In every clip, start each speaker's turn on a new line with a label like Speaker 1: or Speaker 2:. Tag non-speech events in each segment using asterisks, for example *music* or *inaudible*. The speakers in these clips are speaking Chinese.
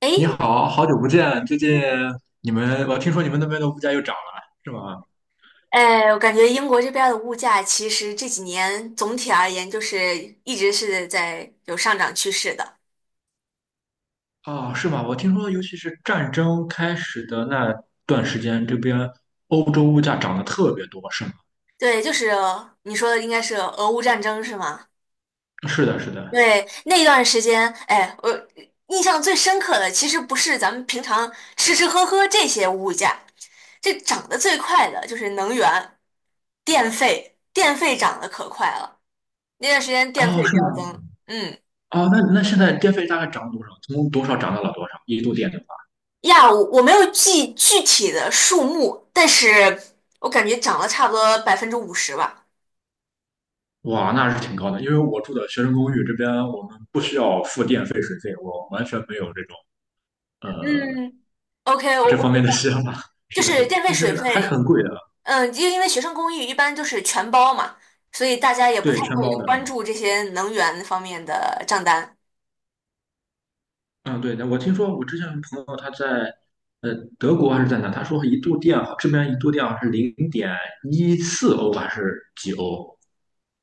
Speaker 1: 哎，
Speaker 2: 你好，好久不见。最近你们，我听说你们那边的物价又涨了，是吗？
Speaker 1: 哎，我感觉英国这边儿的物价其实这几年总体而言就是一直是在有上涨趋势的。
Speaker 2: 哦，是吗？我听说，尤其是战争开始的那段时间，这边欧洲物价涨得特别多，是吗？
Speaker 1: 对，就是你说的应该是俄乌战争是吗？
Speaker 2: 是的，是的。
Speaker 1: 对，那段时间，哎，我印象最深刻的其实不是咱们平常吃吃喝喝这些物价，这涨得最快的就是能源、电费，电费涨得可快了。那段时间电
Speaker 2: 哦，
Speaker 1: 费
Speaker 2: 是吗？
Speaker 1: 飙升，嗯。
Speaker 2: 哦，那现在电费大概涨了多少？从多少涨到了多少？一度电的话，
Speaker 1: 呀，我没有记具体的数目，但是我感觉涨了差不多50%吧。
Speaker 2: 哇，那是挺高的。因为我住的学生公寓这边，我们不需要付电费、水费，我完全没有这种呃
Speaker 1: 嗯，OK,我
Speaker 2: 这
Speaker 1: 我
Speaker 2: 方面的想法。*laughs*
Speaker 1: 就
Speaker 2: 是的，是
Speaker 1: 是
Speaker 2: 的，
Speaker 1: 电费
Speaker 2: 但是
Speaker 1: 水
Speaker 2: 还是
Speaker 1: 费，
Speaker 2: 很贵的，
Speaker 1: 嗯，因为学生公寓一般就是全包嘛，所以大家也不
Speaker 2: 对，
Speaker 1: 太
Speaker 2: 全
Speaker 1: 会
Speaker 2: 包的。
Speaker 1: 关注这些能源方面的账单。
Speaker 2: 嗯，对的，我听说我之前有朋友他在呃德国还是在哪，他说一度电好，这边一度电好像是0.14欧还是几欧？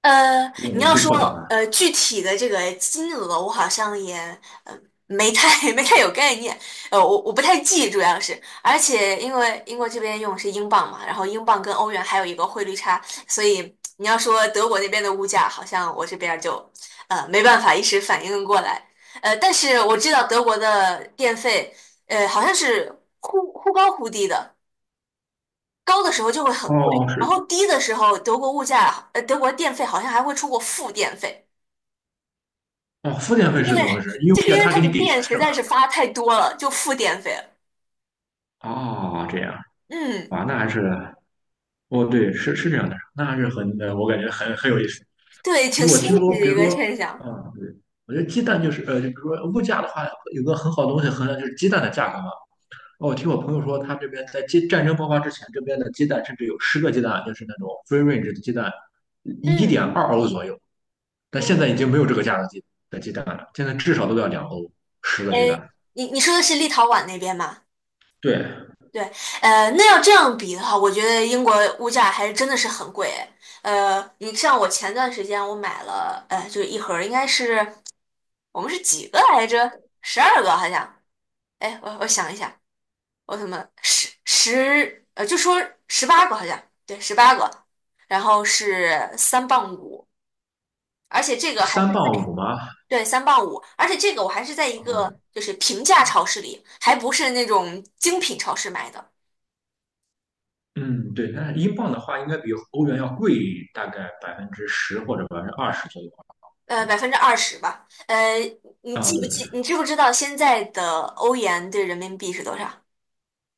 Speaker 2: 如果
Speaker 1: 你
Speaker 2: 没
Speaker 1: 要
Speaker 2: 记
Speaker 1: 说
Speaker 2: 错的话。
Speaker 1: 具体的这个金额，我好像也呃没太 *laughs* 没太有概念，我不太记，主要是，而且因为英国这边用的是英镑嘛，然后英镑跟欧元还有一个汇率差，所以你要说德国那边的物价，好像我这边儿就没办法一时反应过来，但是我知道德国的电费，好像是忽高忽低的。高的时候就会很
Speaker 2: 哦，
Speaker 1: 贵，
Speaker 2: 是
Speaker 1: 然后低的时候，德国物价，德国电费好像还会出过负电费，
Speaker 2: 哦，付电费
Speaker 1: 因
Speaker 2: 是怎么回
Speaker 1: 为
Speaker 2: 事？用
Speaker 1: 就是
Speaker 2: 电
Speaker 1: 因为
Speaker 2: 他
Speaker 1: 它
Speaker 2: 给你
Speaker 1: 的
Speaker 2: 给
Speaker 1: 电
Speaker 2: 钱
Speaker 1: 实
Speaker 2: 是吗？
Speaker 1: 在是发太多了，就负电费了。
Speaker 2: 哦，这样
Speaker 1: 嗯，
Speaker 2: 哇，那还是哦，对，是是这样的，那还是很我感觉很有意思。
Speaker 1: 对，
Speaker 2: 因
Speaker 1: 挺
Speaker 2: 为我
Speaker 1: 新
Speaker 2: 听说，
Speaker 1: 奇的
Speaker 2: 比
Speaker 1: 一
Speaker 2: 如
Speaker 1: 个
Speaker 2: 说，
Speaker 1: 现象。
Speaker 2: 嗯，对，我觉得鸡蛋就是就比如说物价的话，有个很好的东西衡量就是鸡蛋的价格嘛。哦，我听我朋友说，他这边在鸡战争爆发之前，这边的鸡蛋甚至有十个鸡蛋，就是那种 free range 的鸡蛋，一点
Speaker 1: 嗯
Speaker 2: 二欧左右。但现在
Speaker 1: 嗯，
Speaker 2: 已经没有这个价的鸡蛋了，现在至少都要2欧十个鸡
Speaker 1: 哎，
Speaker 2: 蛋。
Speaker 1: 你说的是立陶宛那边吗？
Speaker 2: 对，
Speaker 1: 对，那要这样比的话，我觉得英国物价还真的是很贵诶。哎你像我前段时间我买了，就是一盒儿，应该是我们是几个来着？12个好像。哎，我想一下。奥特曼十十呃，就说十八个好像，对，十八个，然后是三磅五，而且这个还是
Speaker 2: 三磅
Speaker 1: 在，
Speaker 2: 五吗？
Speaker 1: 对，三磅五，而且这个我还是在一个
Speaker 2: 嗯
Speaker 1: 就是平价超市里，还不是那种精品超市买的，
Speaker 2: 嗯，对。那是英镑的话，应该比欧元要贵大概10%或者20%左右吧。好像
Speaker 1: 百分之二十吧，你
Speaker 2: 啊，
Speaker 1: 记
Speaker 2: 对，
Speaker 1: 不记？你知不知道现在的欧元对人民币是多少？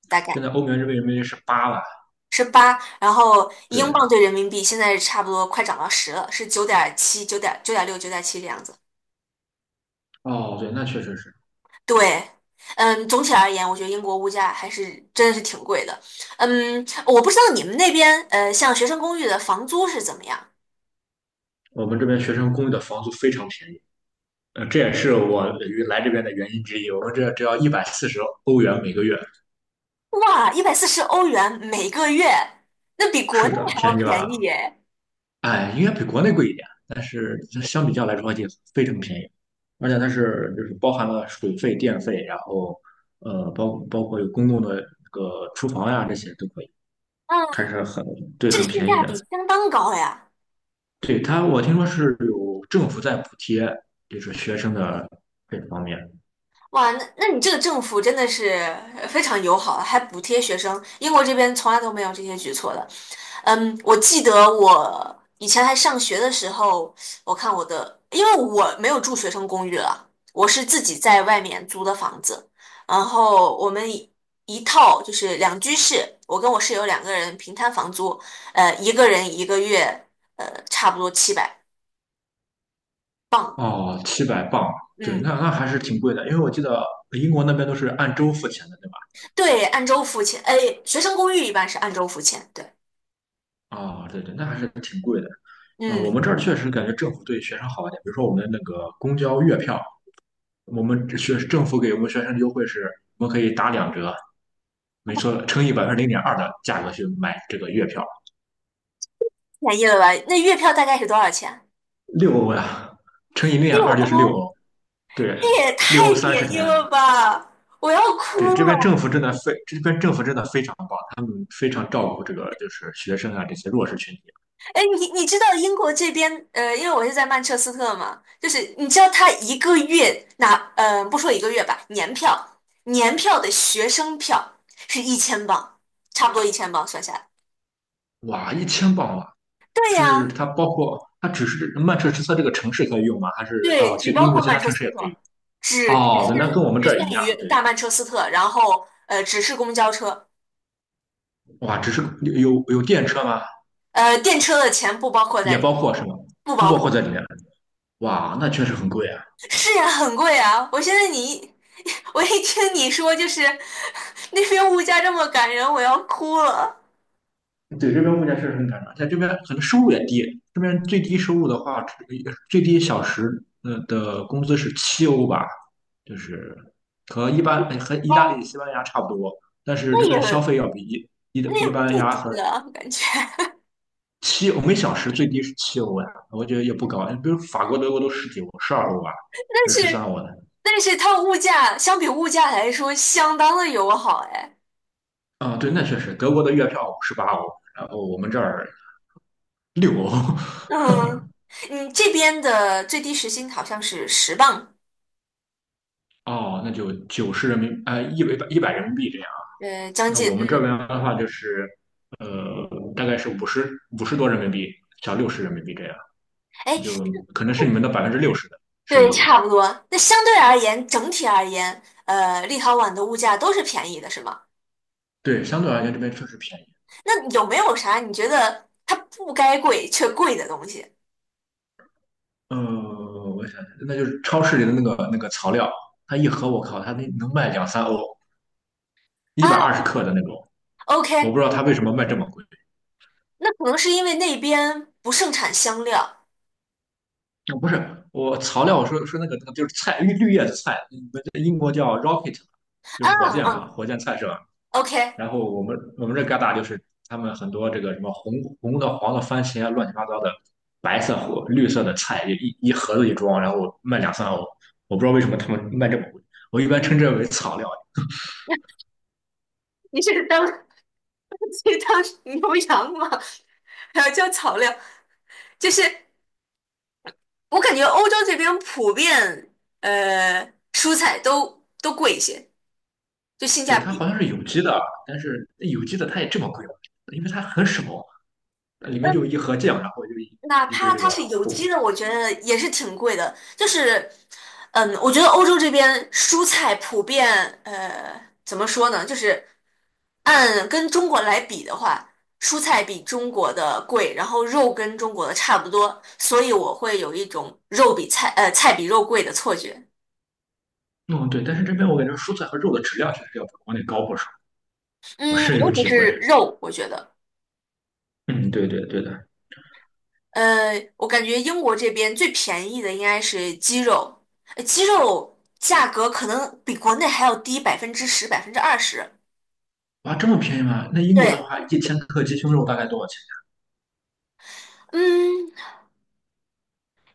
Speaker 1: 大
Speaker 2: 现
Speaker 1: 概
Speaker 2: 在欧元这边人民币是八了。
Speaker 1: 是八，然后英镑
Speaker 2: 对，
Speaker 1: 对人民币现在差不多快涨到十了，是九点七、九点六、九点七这样子。
Speaker 2: 哦，对，那确实是
Speaker 1: 对，嗯，总体而言，我觉得英国物价还是真的是挺贵的。嗯，我不知道你们那边，像学生公寓的房租是怎么样？
Speaker 2: 我们这边学生公寓的房租非常便宜。这也是我来这边的原因之一。我们这只要140欧元每个月，
Speaker 1: 哇，140欧元每个月，那比国
Speaker 2: 是
Speaker 1: 内
Speaker 2: 的，
Speaker 1: 还
Speaker 2: 便
Speaker 1: 要
Speaker 2: 宜
Speaker 1: 便
Speaker 2: 了。
Speaker 1: 宜耶！
Speaker 2: 哎，应该比国内贵一点，但是相比较来说也非常便宜，而且它是就是包含了水费、电费，然后包括有公共的这个厨房呀、这些都可以，
Speaker 1: 啊，
Speaker 2: 还是很对，
Speaker 1: 这个
Speaker 2: 很
Speaker 1: 性
Speaker 2: 便宜
Speaker 1: 价比
Speaker 2: 的。
Speaker 1: 相当高呀。
Speaker 2: 对它，我听说是有政府在补贴，就是学生的这方面。
Speaker 1: 哇，那你这个政府真的是非常友好，还补贴学生。英国这边从来都没有这些举措的。嗯，我记得我以前还上学的时候，我看我的，因为我没有住学生公寓了，我是自己在外面租的房子。然后我们一套就是两居室，我跟我室友两个人平摊房租，一个人一个月，差不多700镑。
Speaker 2: 哦，700磅，对，
Speaker 1: 嗯，
Speaker 2: 那还是挺贵的，因为我记得英国那边都是按周付钱的，对吧？
Speaker 1: 对，按周付钱。哎，学生公寓一般是按周付钱，对。
Speaker 2: 啊、对对，那还是挺贵的。啊、我
Speaker 1: 嗯，
Speaker 2: 们这儿确实感觉政府对学生好一点，比如说我们的那个公交月票，我们这学政府给我们学生的优惠是，我们可以打两折，没错，乘以0.2%的价格去买这个月票，
Speaker 1: 便宜了吧？那月票大概是多少钱？
Speaker 2: 六欧呀，乘以零点
Speaker 1: 六
Speaker 2: 二就是六
Speaker 1: 欧，
Speaker 2: 欧，对，
Speaker 1: 这也太
Speaker 2: 六欧三十
Speaker 1: 便
Speaker 2: 天。
Speaker 1: 宜了吧！我要哭
Speaker 2: 对，这边政
Speaker 1: 了。
Speaker 2: 府真的非这边政府真的非常照顾这个就是学生啊这些弱势群体。
Speaker 1: 哎，你知道英国这边，因为我是在曼彻斯特嘛，就是你知道他一个月拿，不说一个月吧，年票，年票的学生票是一千镑，差不多一千镑算下来。
Speaker 2: 哇，1000磅啊！
Speaker 1: 对
Speaker 2: 是
Speaker 1: 呀，
Speaker 2: 它包括它只是曼彻斯特这个城市可以用吗？还是
Speaker 1: 对，
Speaker 2: 到
Speaker 1: 只
Speaker 2: 其
Speaker 1: 包
Speaker 2: 英国
Speaker 1: 括
Speaker 2: 其
Speaker 1: 曼
Speaker 2: 他
Speaker 1: 彻
Speaker 2: 城
Speaker 1: 斯
Speaker 2: 市也可以
Speaker 1: 特，
Speaker 2: 用？
Speaker 1: 只只
Speaker 2: 哦，那
Speaker 1: 限
Speaker 2: 跟我们
Speaker 1: 只
Speaker 2: 这儿
Speaker 1: 限
Speaker 2: 一样，
Speaker 1: 于
Speaker 2: 对。
Speaker 1: 大曼彻斯特，然后只是公交车，
Speaker 2: 哇，只是有电车吗？
Speaker 1: 电车的钱不包括在
Speaker 2: 也
Speaker 1: 里。
Speaker 2: 包括是吗？
Speaker 1: 不
Speaker 2: 不
Speaker 1: 包
Speaker 2: 包括
Speaker 1: 括。
Speaker 2: 在里面。哇，那确实很贵啊。
Speaker 1: 是呀，很贵啊！我现在*laughs* 我一听你说就是 *laughs* 那边物价这么感人，我要哭了。
Speaker 2: 对，这边物价确实很赶涨，在这边可能收入也低。这边最低收入的话，最低小时的工资是七欧吧，就是和一般和意大
Speaker 1: 哦，
Speaker 2: 利、西班牙差不多，但是
Speaker 1: 那
Speaker 2: 这边消
Speaker 1: 也
Speaker 2: 费要比一一
Speaker 1: 那也
Speaker 2: 一般
Speaker 1: 不
Speaker 2: 牙
Speaker 1: 低
Speaker 2: 和
Speaker 1: 啊，感觉。
Speaker 2: 七，我们小时最低是七欧呀，我觉得也不高。比如法国、德国都十几欧，12欧吧，
Speaker 1: *laughs* 但
Speaker 2: 还是十三
Speaker 1: 是
Speaker 2: 欧呢？
Speaker 1: 但是它物价相比物价来说，相当的友好哎。
Speaker 2: 啊、对，那确实，德国的月票18欧，然后我们这儿六欧，
Speaker 1: 嗯，
Speaker 2: *laughs*
Speaker 1: 你这边的最低时薪好像是10磅，
Speaker 2: 哦，那就九十人民，一百人民币这样。
Speaker 1: 将
Speaker 2: 那
Speaker 1: 近
Speaker 2: 我们这
Speaker 1: 嗯。
Speaker 2: 边的话就是，呃，大概是五十多人民币，小六十人民币这样，
Speaker 1: 哎，
Speaker 2: 就可能是你们的60%的收
Speaker 1: 对，
Speaker 2: 入。
Speaker 1: 差不多。那相对而言，整体而言，立陶宛的物价都是便宜的，是吗？
Speaker 2: 对，相对而言这边确实便宜。
Speaker 1: 那有没有啥你觉得它不该贵却贵的东西
Speaker 2: 呃，我想想，那就是超市里的那个草料，它一盒我靠，它那能卖两三欧，一
Speaker 1: 啊
Speaker 2: 百二十克的那种，我
Speaker 1: ？OK，
Speaker 2: 不知道它为什么卖这么贵。
Speaker 1: 那可能是因为那边不盛产香料
Speaker 2: 啊不是，我草料，我说说那个就是菜，绿叶子菜，你们这英国叫 rocket，就
Speaker 1: 啊
Speaker 2: 是火箭嘛，
Speaker 1: 啊
Speaker 2: 火箭菜是吧？
Speaker 1: ，OK，
Speaker 2: 然后我们这旮沓就是他们很多这个什么红的、黄的番茄啊，乱七八糟的，白色和绿色的菜，一盒子一装，然后卖两三欧，我不知道为什么他们卖这么贵，我一般称之
Speaker 1: 嗯，
Speaker 2: 为草料。
Speaker 1: 你是当 *laughs* 去当牛羊吗？还要交草料？就是我感觉欧洲这边普遍呃蔬菜都贵一些，就性
Speaker 2: 对，
Speaker 1: 价
Speaker 2: 它
Speaker 1: 比。
Speaker 2: 好像是有机的，但是有机的它也这么贵吗因为它很少，里面就一盒酱，然后就一
Speaker 1: 哪
Speaker 2: 一堆
Speaker 1: 怕
Speaker 2: 这
Speaker 1: 它
Speaker 2: 个
Speaker 1: 是有机
Speaker 2: 物。
Speaker 1: 的，我觉得也是挺贵的。就是，嗯，我觉得欧洲这边蔬菜普遍，怎么说呢？就是按跟中国来比的话，蔬菜比中国的贵，然后肉跟中国的差不多，所以我会有一种肉比菜，菜比肉贵的错觉。
Speaker 2: 嗯，对，但是这边我感觉蔬菜和肉的质量确实要比国内高不少，我
Speaker 1: 嗯，
Speaker 2: 深有
Speaker 1: 尤
Speaker 2: 体
Speaker 1: 其
Speaker 2: 会。
Speaker 1: 是肉，我觉得。
Speaker 2: 嗯，对对对的。
Speaker 1: 我感觉英国这边最便宜的应该是鸡肉，鸡肉价格可能比国内还要低10%、百分之二十。
Speaker 2: 哇，这么便宜吗？那英国的
Speaker 1: 对，
Speaker 2: 话，一千克鸡胸肉大概多少钱？
Speaker 1: 嗯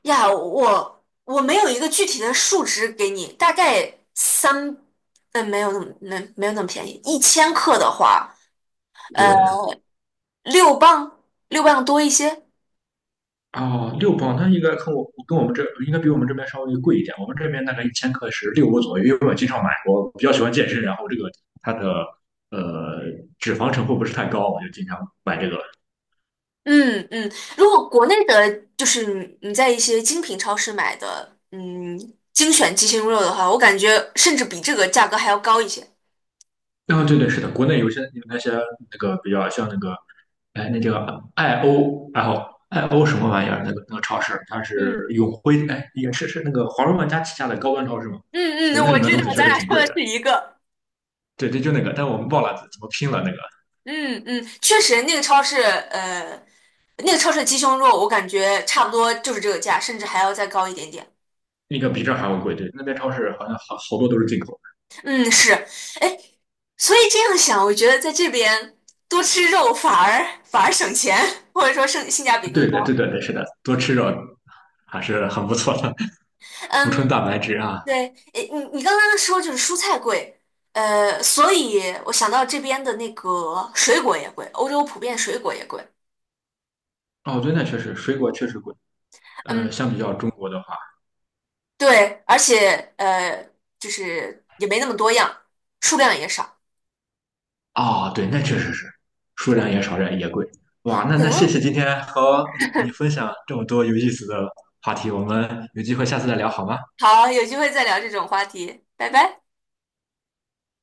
Speaker 1: 呀，我没有一个具体的数值给你，大概三，没有那么便宜，一千克的话，呃，
Speaker 2: 对，
Speaker 1: 六磅六磅多一些。
Speaker 2: 哦，6磅，那应该跟我们这应该比我们这边稍微贵一点。我们这边大概一千克是六欧左右，因为我经常买，我比较喜欢健身，然后这个它的呃脂肪成分不是太高，我就经常买这个。
Speaker 1: 嗯嗯，如果国内的，就是你在一些精品超市买的，嗯，精选鸡胸肉的话，我感觉甚至比这个价格还要高一些。
Speaker 2: 啊、对对，是的，国内有些有那些比较像那个，哎，那叫爱欧，然后爱欧什么玩意儿？那个超市，它是
Speaker 1: 嗯
Speaker 2: 永辉，哎，也是是那个华润万家旗下的高端超市嘛。
Speaker 1: 嗯
Speaker 2: 对，
Speaker 1: 嗯，
Speaker 2: 那
Speaker 1: 我
Speaker 2: 里面
Speaker 1: 知
Speaker 2: 东
Speaker 1: 道，
Speaker 2: 西确
Speaker 1: 咱
Speaker 2: 实
Speaker 1: 俩
Speaker 2: 挺
Speaker 1: 说
Speaker 2: 贵
Speaker 1: 的
Speaker 2: 的。
Speaker 1: 是一个。
Speaker 2: 对对，就那个，但我们忘了怎么拼了那个。
Speaker 1: 嗯嗯，确实，那个超市，呃，那个超市的鸡胸肉，我感觉差不多就是这个价，甚至还要再高一点点。
Speaker 2: 应该比这儿还要贵，对，那边超市好像好多都是进口
Speaker 1: 嗯，是，哎，所以这样想，我觉得在这边多吃肉反而省钱，或者说性价比
Speaker 2: 的。
Speaker 1: 更
Speaker 2: 对的，对
Speaker 1: 高。
Speaker 2: 的，对，是的，多吃肉还是很不错的，补充蛋
Speaker 1: 嗯，
Speaker 2: 白质啊。
Speaker 1: 对，诶，你刚刚说就是蔬菜贵，所以我想到这边的那个水果也贵，欧洲普遍水果也贵，
Speaker 2: 哦，对，那确实，水果确实贵。
Speaker 1: 嗯，
Speaker 2: 相比较中国的话，
Speaker 1: 对，而且就是也没那么多样，数量也少，
Speaker 2: 哦，对，那确实是，数
Speaker 1: 对，
Speaker 2: 量也少，人也贵。哇，那
Speaker 1: 可
Speaker 2: 那谢
Speaker 1: 能
Speaker 2: 谢今天和你分
Speaker 1: *laughs*
Speaker 2: 享这么多有意思的话题，我们有机会下次再聊好吗？
Speaker 1: 好，有机会再聊这种话题，拜拜。